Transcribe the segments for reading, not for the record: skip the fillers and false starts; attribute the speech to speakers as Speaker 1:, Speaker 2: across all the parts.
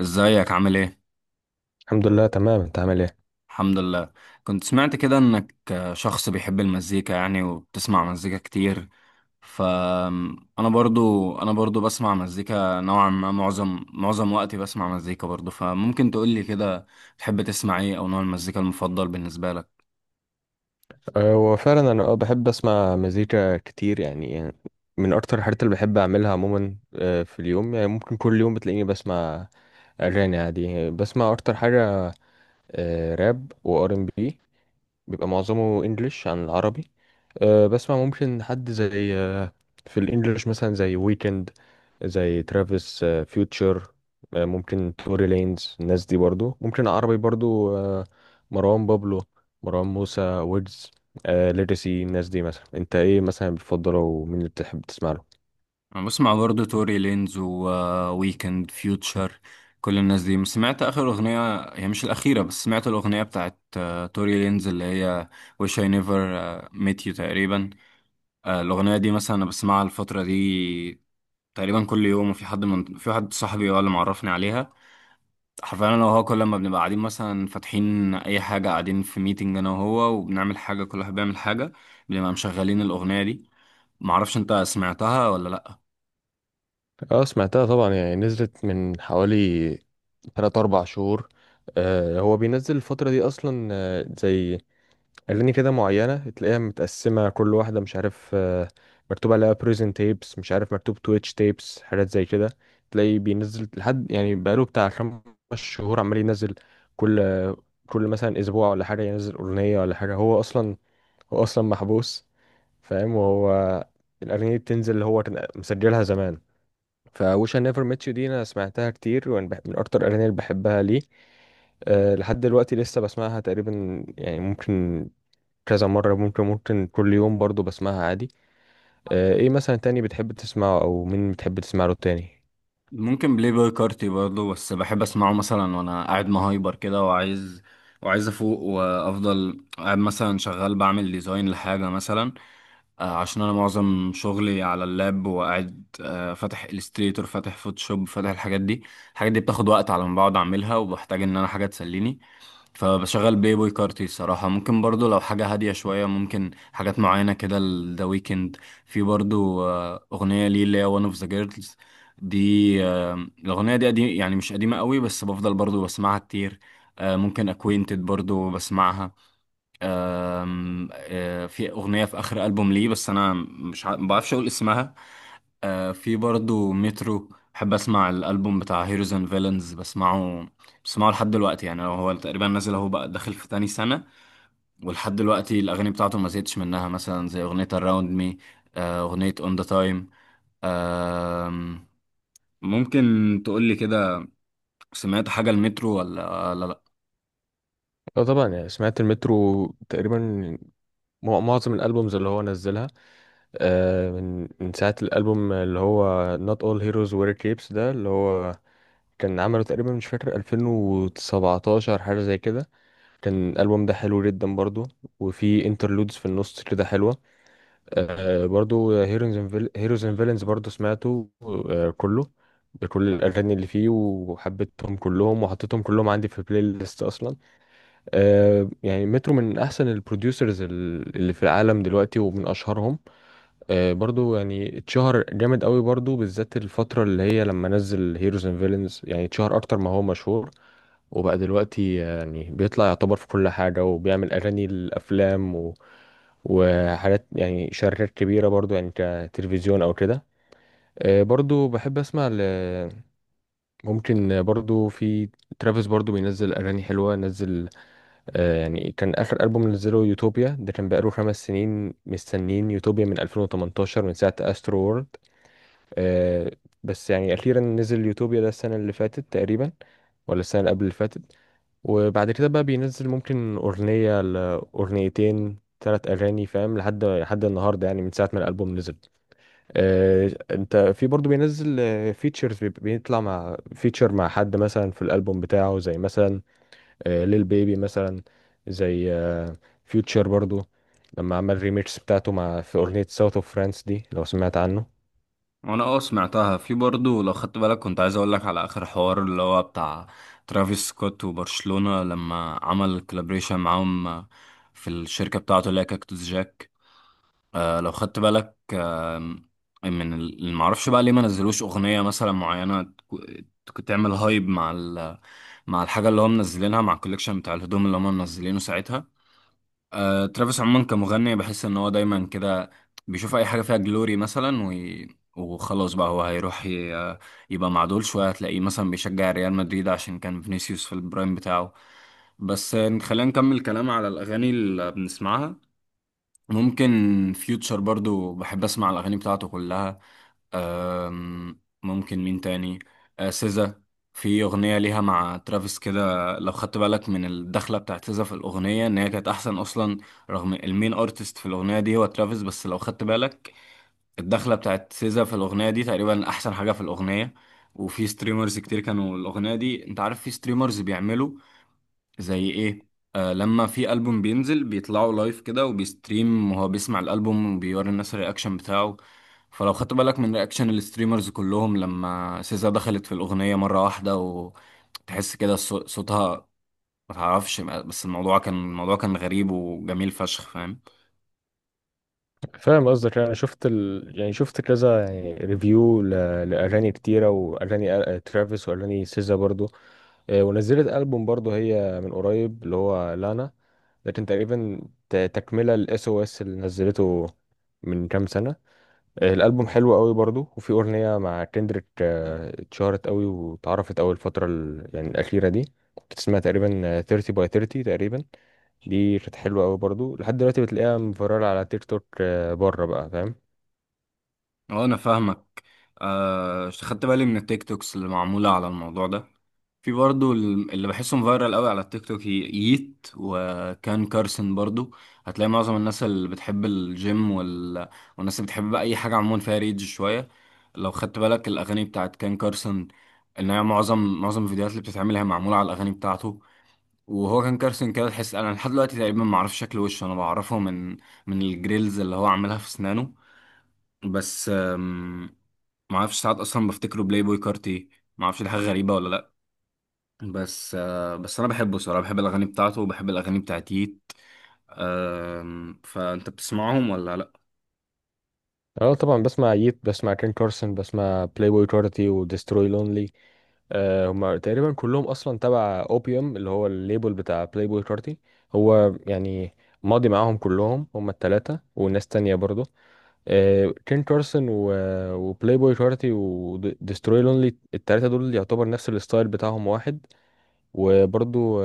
Speaker 1: ازيك عامل ايه؟
Speaker 2: الحمد لله تمام، انت عامل ايه؟
Speaker 1: الحمد لله. كنت سمعت كده انك شخص بيحب المزيكا يعني وبتسمع مزيكا كتير. ف انا برضو بسمع مزيكا نوعا ما، معظم وقتي بسمع مزيكا برضو، فممكن تقول لي كده تحب تسمع ايه، او نوع المزيكا المفضل بالنسبة لك؟
Speaker 2: وفعلا انا بحب اسمع مزيكا كتير، يعني من اكتر الحاجات اللي بحب اعملها عموما في اليوم. يعني ممكن كل يوم بتلاقيني بسمع اغاني عادي، بسمع اكتر حاجه راب وار ام بي، بيبقى معظمه انجليش عن العربي. بسمع ممكن حد زي، في الانجليش مثلا زي ويكند، زي ترافيس، فيوتشر، ممكن توري لينز. الناس دي برضو ممكن عربي برضو، مروان بابلو، مروان موسى، ويجز، ليجاسي. الناس دي مثلا، انت ايه مثلا بتفضله ومين اللي بتحب تسمع له؟
Speaker 1: انا بسمع برضو توري لينز وويكند فيوتشر، كل الناس دي سمعت اخر اغنية. هي مش الاخيرة بس سمعت الاغنية بتاعت توري لينز اللي هي Wish I Never Met You تقريبا. الأغنية دي مثلا أنا بسمعها الفترة دي تقريبا كل يوم، وفي حد من في حد صاحبي هو اللي معرفني عليها. حرفيا أنا وهو كل ما بنبقى قاعدين مثلا فاتحين أي حاجة، قاعدين في ميتنج أنا وهو وبنعمل حاجة، كل واحد بيعمل حاجة، بنبقى مشغلين الأغنية دي. معرفش أنت سمعتها ولا لأ؟
Speaker 2: اه سمعتها طبعا، يعني نزلت من حوالي 3 4 شهور. هو بينزل الفترة دي اصلا، زي أغاني كده معينة تلاقيها متقسمة، كل واحدة مش عارف، مكتوب عليها بريزن تيبس، مش عارف مكتوب تويتش تيبس، حاجات زي كده. تلاقيه بينزل لحد يعني بقاله بتاع خمس شهور عمال ينزل، كل كل مثلا أسبوع ولا حاجة ينزل أغنية ولا حاجة. هو أصلا محبوس، فاهم، وهو الأغنية دي بتنزل اللي هو كان مسجلها زمان. فوش I نيفر ميت يو دي أنا سمعتها كتير، ومن من أكتر الأغاني اللي بحبها ليه. أه لحد دلوقتي لسه بسمعها، تقريبا يعني ممكن كذا مرة، ممكن كل يوم برضو بسمعها عادي. ايه مثلا تاني بتحب تسمعه او مين بتحب تسمع له تاني؟
Speaker 1: ممكن بلاي بوي كارتي برضه، بس بحب اسمعه مثلا وانا قاعد مهايبر كده وعايز افوق وافضل قاعد مثلا شغال بعمل ديزاين لحاجه مثلا، عشان انا معظم شغلي على اللاب وقاعد فاتح الستريتور، فاتح فوتوشوب، فاتح الحاجات دي. الحاجات دي بتاخد وقت على ما بقعد اعملها وبحتاج ان انا حاجه تسليني، فبشغل بلاي بوي كارتي الصراحة. ممكن برضو لو حاجة هادية شوية ممكن حاجات معينة كده، ذا ويكند. في برضو أغنية ليه اللي هي وان اوف ذا جيرلز دي. الأغنية دي قديم يعني، مش قديمة قوي، بس بفضل برضو بسمعها كتير. ممكن اكوينتد برضو بسمعها. آم، آه، في أغنية في آخر ألبوم ليه بس أنا مش ما بعرفش أقول اسمها. في برضو مترو، بحب اسمع الالبوم بتاع هيروز اند فيلنز، بسمعه لحد دلوقتي. يعني لو هو تقريبا نازل اهو بقى داخل في تاني سنة ولحد دلوقتي الاغاني بتاعته ما زهقتش منها، مثلا زي اغنية اراوند مي، اغنية اون ذا تايم. ممكن تقولي كده، سمعت حاجة المترو ولا لا؟
Speaker 2: اه طبعا، يعني سمعت المترو تقريبا، معظم الالبومز اللي هو نزلها. من ساعة الالبوم اللي هو Not All Heroes Wear Capes، ده اللي هو كان عمله تقريبا، مش فاكر 2017 حاجة زي كده. كان الالبوم ده حلو جدا برضو، وفي انترلودز في النص كده حلوة. آه برضو هيروز اند فيلنز برضو سمعته، آه كله، بكل الأغاني اللي فيه، وحبيتهم كلهم وحطيتهم كلهم عندي في البلاي ليست أصلا. آه يعني مترو من أحسن البروديوسرز اللي في العالم دلوقتي ومن أشهرهم. آه برضو يعني اتشهر جامد قوي برضو، بالذات الفترة اللي هي لما نزل هيروز اند فيلنز، يعني اتشهر أكتر ما هو مشهور. وبقى دلوقتي يعني بيطلع يعتبر في كل حاجة، وبيعمل أغاني للأفلام و... وحاجات، يعني شركات كبيرة برضو، يعني كتلفزيون أو كده. برضو بحب أسمع ل ممكن برضو في ترافيس، برضو بينزل أغاني حلوة. نزل، يعني كان آخر ألبوم نزله يوتوبيا، ده كان بقاله خمس سنين مستنين يوتوبيا من 2018 من ساعة أسترو وورلد. آه، بس يعني أخيرا نزل يوتوبيا ده السنة اللي فاتت تقريبا، ولا السنة اللي قبل اللي فاتت. وبعد كده بقى بينزل ممكن أغنية لأغنيتين ثلاث أغاني، فاهم، لحد النهاردة يعني من ساعة ما الألبوم نزل. آه أنت في برضه بينزل فيتشرز، بيطلع مع فيتشر مع حد مثلا في الألبوم بتاعه، زي مثلا آه ليل بيبي مثلا، زي آه فيوتشر برضه، لما عمل ريميكس بتاعته مع في أغنية ساوث اوف فرانس دي، لو سمعت عنه.
Speaker 1: وانا اه سمعتها. في برضه لو خدت بالك كنت عايز اقول لك على اخر حوار اللي هو بتاع ترافيس سكوت وبرشلونة لما عمل كولابريشن معاهم في الشركة بتاعته اللي هي كاكتوس جاك. لو خدت بالك، من اللي معرفش بقى ليه ما نزلوش اغنية مثلا معينة تعمل هايب مع الحاجة اللي هم منزلينها، مع الكوليكشن بتاع الهدوم اللي هم منزلينه ساعتها. ترافيس عموما كمغني بحس ان هو دايما كده بيشوف اي حاجه فيها جلوري مثلا وخلاص بقى هو هيروح يبقى مع دول شويه، هتلاقيه مثلا بيشجع ريال مدريد عشان كان فينيسيوس في البرايم بتاعه. بس خلينا نكمل كلام على الاغاني اللي بنسمعها. ممكن فيوتشر برضو بحب اسمع الاغاني بتاعته كلها. ممكن مين تاني؟ سيزا. في اغنيه ليها مع ترافيس كده، لو خدت بالك من الدخله بتاعت سيزا في الاغنيه، ان هي كانت احسن اصلا. رغم المين ارتست في الاغنيه دي هو ترافيس، بس لو خدت بالك الدخله بتاعت سيزا في الاغنيه دي تقريبا احسن حاجه في الاغنيه. وفي ستريمرز كتير كانوا الاغنيه دي، انت عارف في ستريمرز بيعملوا زي ايه؟ لما في ألبوم بينزل بيطلعوا لايف كده وبيستريم وهو بيسمع الألبوم وبيوري الناس الرياكشن بتاعه. فلو خدت بالك من رياكشن الستريمرز كلهم لما سيزا دخلت في الأغنية مرة واحدة، وتحس كده صوتها ما تعرفش، بس الموضوع كان غريب وجميل فشخ، فاهم.
Speaker 2: فاهم قصدك، انا شفت ال يعني شفت كذا يعني ريفيو ل لاغاني كتيره واغاني، ترافيس واغاني سيزا برضو. ونزلت ألبوم برضو هي من قريب اللي هو لانا، ده كان تقريبا تكملة للاس او اس اللي نزلته من كام سنة. الألبوم حلو قوي برضو، وفي أغنية مع كندريك اتشهرت قوي واتعرفت أوي الفترة ال يعني الأخيرة دي. كانت اسمها تقريبا، 30 by 30 تقريبا. دي كانت حلوة قوي برضو، لحد دلوقتي بتلاقيها مفررة على تيك توك، بره بقى، فاهم.
Speaker 1: اه انا فاهمك. خدت بالي من التيك توكس اللي معمولة على الموضوع ده. في برضو اللي بحسهم فايرال قوي على التيك توك، ييت وكان كارسن برضو. هتلاقي معظم الناس اللي بتحب الجيم والناس اللي بتحب بقى اي حاجة عموما فيها ريدج شوية، لو خدت بالك الاغاني بتاعت كان كارسن ان هي معظم الفيديوهات اللي بتتعمل هي معمولة على الاغاني بتاعته. وهو كان كارسن كده، تحس انا لحد دلوقتي تقريبا ما اعرفش شكل وشه، انا بعرفه من الجريلز اللي هو عاملها في اسنانه بس. ما اعرفش ساعات اصلا بفتكره بلاي بوي كارتي، ما اعرفش دي حاجه غريبه ولا لا. بس انا بحبه صراحه، بحب الاغاني بتاعته وبحب الاغاني بتاعتيت. فانت بتسمعهم ولا لا؟
Speaker 2: اه طبعا، بسمع ييت، بسمع كين كارسون، بسمع بلاي بوي كارتي وديستروي لونلي. هما تقريبا كلهم اصلا تبع اوبيوم اللي هو الليبل بتاع بلاي بوي كارتي. هو يعني ماضي معاهم كلهم، هما التلاتة وناس تانية برضه. كين كارسون وبلاي بوي كارتي وديستروي لونلي، التلاتة دول يعتبر نفس الستايل بتاعهم واحد. وبرضو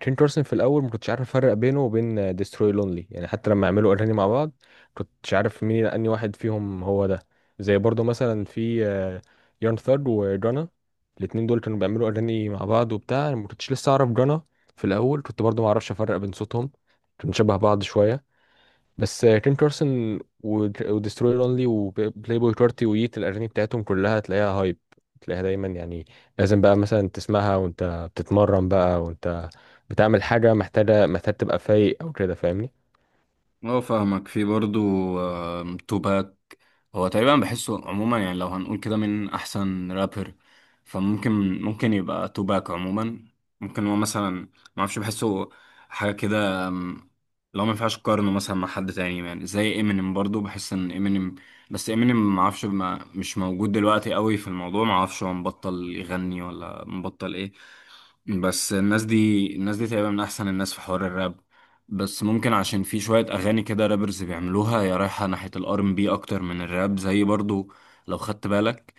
Speaker 2: تشين كارسون في الاول ما كنتش عارف افرق بينه وبين ديستروي لونلي، يعني حتى لما عملوا اغاني مع بعض كنتش عارف مين اني واحد فيهم هو ده. زي برضو مثلا في يارن ثرد وجانا، الاتنين دول كانوا بيعملوا اغاني مع بعض وبتاع. أنا ما كنتش لسه اعرف جانا في الاول، كنت برضو ما اعرفش افرق بين صوتهم، كانوا شبه بعض شويه. بس كين كارسون ودستروير اونلي وبلاي بوي كارتي ويت الاغاني بتاعتهم كلها تلاقيها هايب، تلاقيها دايما يعني لازم بقى مثلا تسمعها وانت بتتمرن، بقى وانت بتعمل حاجه محتاجه، محتاج تبقى فايق او كده، فاهمني.
Speaker 1: اه فاهمك. في برضو توباك. هو تقريبا بحسه عموما، يعني لو هنقول كده من احسن رابر، فممكن يبقى توباك عموما. ممكن هو مثلا ما اعرفش بحسه حاجه كده. لو ما ينفعش اقارنه مثلا مع حد تاني، يعني زي امينيم، برضو بحس ان امينيم، بس امينيم ما اعرفش مش موجود دلوقتي قوي في الموضوع، ما اعرفش هو مبطل يغني ولا مبطل ايه. بس الناس دي تقريبا من احسن الناس في حوار الراب. بس ممكن عشان في شوية اغاني كده رابرز بيعملوها يا رايحة ناحية الار ام بي اكتر من الراب، زي برضو لو خدت بالك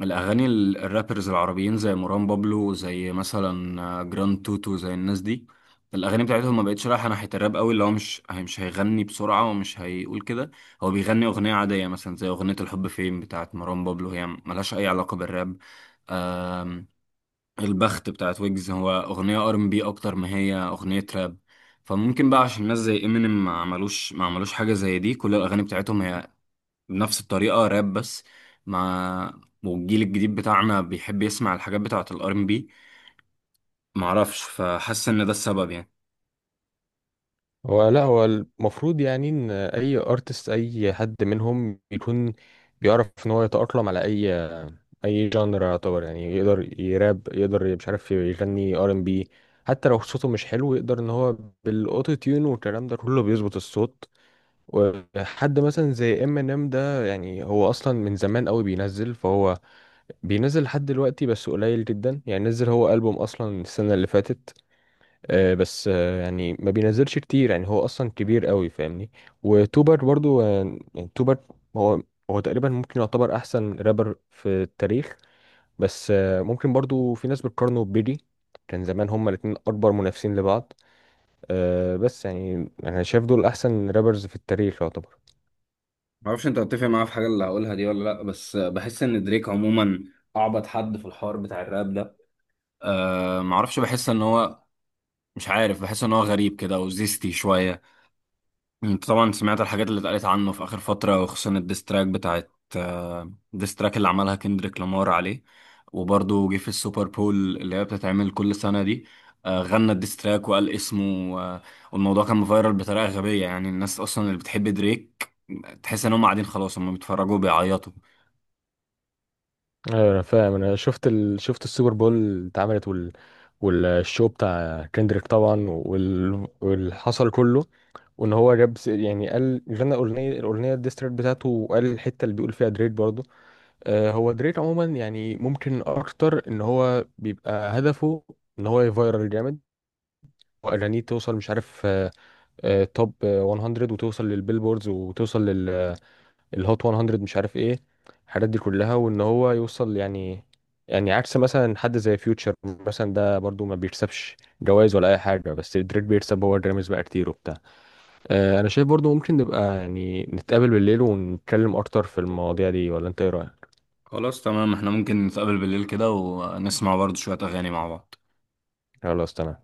Speaker 1: الاغاني الرابرز العربيين زي مروان بابلو، زي مثلا جراند توتو، زي الناس دي، الاغاني بتاعتهم ما بقتش رايحة ناحية الراب قوي، اللي هو مش مش هيغني بسرعة ومش هيقول كده، هو بيغني اغنية عادية مثلا زي اغنية الحب فين بتاعت مروان بابلو، هي ملهاش اي علاقة بالراب. البخت بتاعت ويجز هو اغنيه ار ام بي اكتر ما هي اغنيه راب. فممكن بقى عشان ناس زي امينيم ما عملوش حاجه زي دي، كل الاغاني بتاعتهم هي بنفس الطريقه راب بس، مع والجيل الجديد بتاعنا بيحب يسمع الحاجات بتاعت الار ام بي، معرفش، فحاسس ان ده السبب يعني.
Speaker 2: هو لا، هو المفروض يعني ان اي ارتست، اي حد منهم يكون بيعرف ان هو يتاقلم على اي جانر يعتبر، يعني يقدر يراب، يقدر مش عارف يغني ار ام بي، حتى لو صوته مش حلو يقدر ان هو بالاوتو تيون والكلام ده كله بيظبط الصوت. وحد مثلا زي ام ان ام ده، يعني هو اصلا من زمان قوي بينزل، فهو بينزل لحد دلوقتي بس قليل جدا، يعني نزل هو البوم اصلا السنه اللي فاتت. بس يعني ما بينزلش كتير يعني هو اصلا كبير قوي، فاهمني. وتوبر برضو، يعني توبر هو هو تقريبا ممكن يعتبر احسن رابر في التاريخ. بس ممكن برضو في ناس بتقارنه ببيلي، كان زمان هما الاتنين اكبر منافسين لبعض. بس يعني انا شايف دول احسن رابرز في التاريخ يعتبر.
Speaker 1: معرفش انت هتتفق معايا في حاجه اللي هقولها دي ولا لا، بس بحس ان دريك عموما اعبط حد في الحوار بتاع الراب ده. معرفش بحس ان هو مش عارف بحس ان هو غريب كده وزيستي شويه. يعني انت طبعا سمعت الحاجات اللي اتقالت عنه في اخر فتره، وخصوصا الديستراك بتاعت آه، الديستراك اللي عملها كندريك لامار عليه. وبرضه جه في السوبر بول اللي هي بتتعمل كل سنه دي، غنى الديستراك وقال اسمه. آه، والموضوع كان مفيرال بطريقه غبيه، يعني الناس اصلا اللي بتحب دريك تحس ان هم قاعدين خلاص، هم بيتفرجوا بيعيطوا.
Speaker 2: ايوه انا فاهم، انا شفت ال شفت السوبر بول اللي اتعملت وال والشو بتاع كندريك طبعا، وال واللي حصل كله. وان هو جاب يعني قال غنى اغنيه، الاغنيه الديستريت بتاعته، وقال الحته اللي بيقول فيها دريك برضه. هو دريك عموما، يعني ممكن اكتر ان هو بيبقى هدفه ان هو يفايرل جامد، اغانيه توصل مش عارف، توب 100، وتوصل للبيلبوردز وتوصل للهوت 100، مش عارف ايه الحاجات دي كلها، وان هو يوصل. يعني عكس مثلا حد زي فيوتشر مثلا، ده برضو ما بيكسبش جوائز ولا اي حاجه، بس دريك بيكسب هو جراميز بقى كتير وبتاع. انا شايف برضو ممكن نبقى يعني نتقابل بالليل ونتكلم اكتر في المواضيع دي، ولا انت ايه رايك؟
Speaker 1: خلاص تمام، احنا ممكن نتقابل بالليل كده ونسمع برضه شويه اغاني مع بعض.
Speaker 2: خلاص تمام.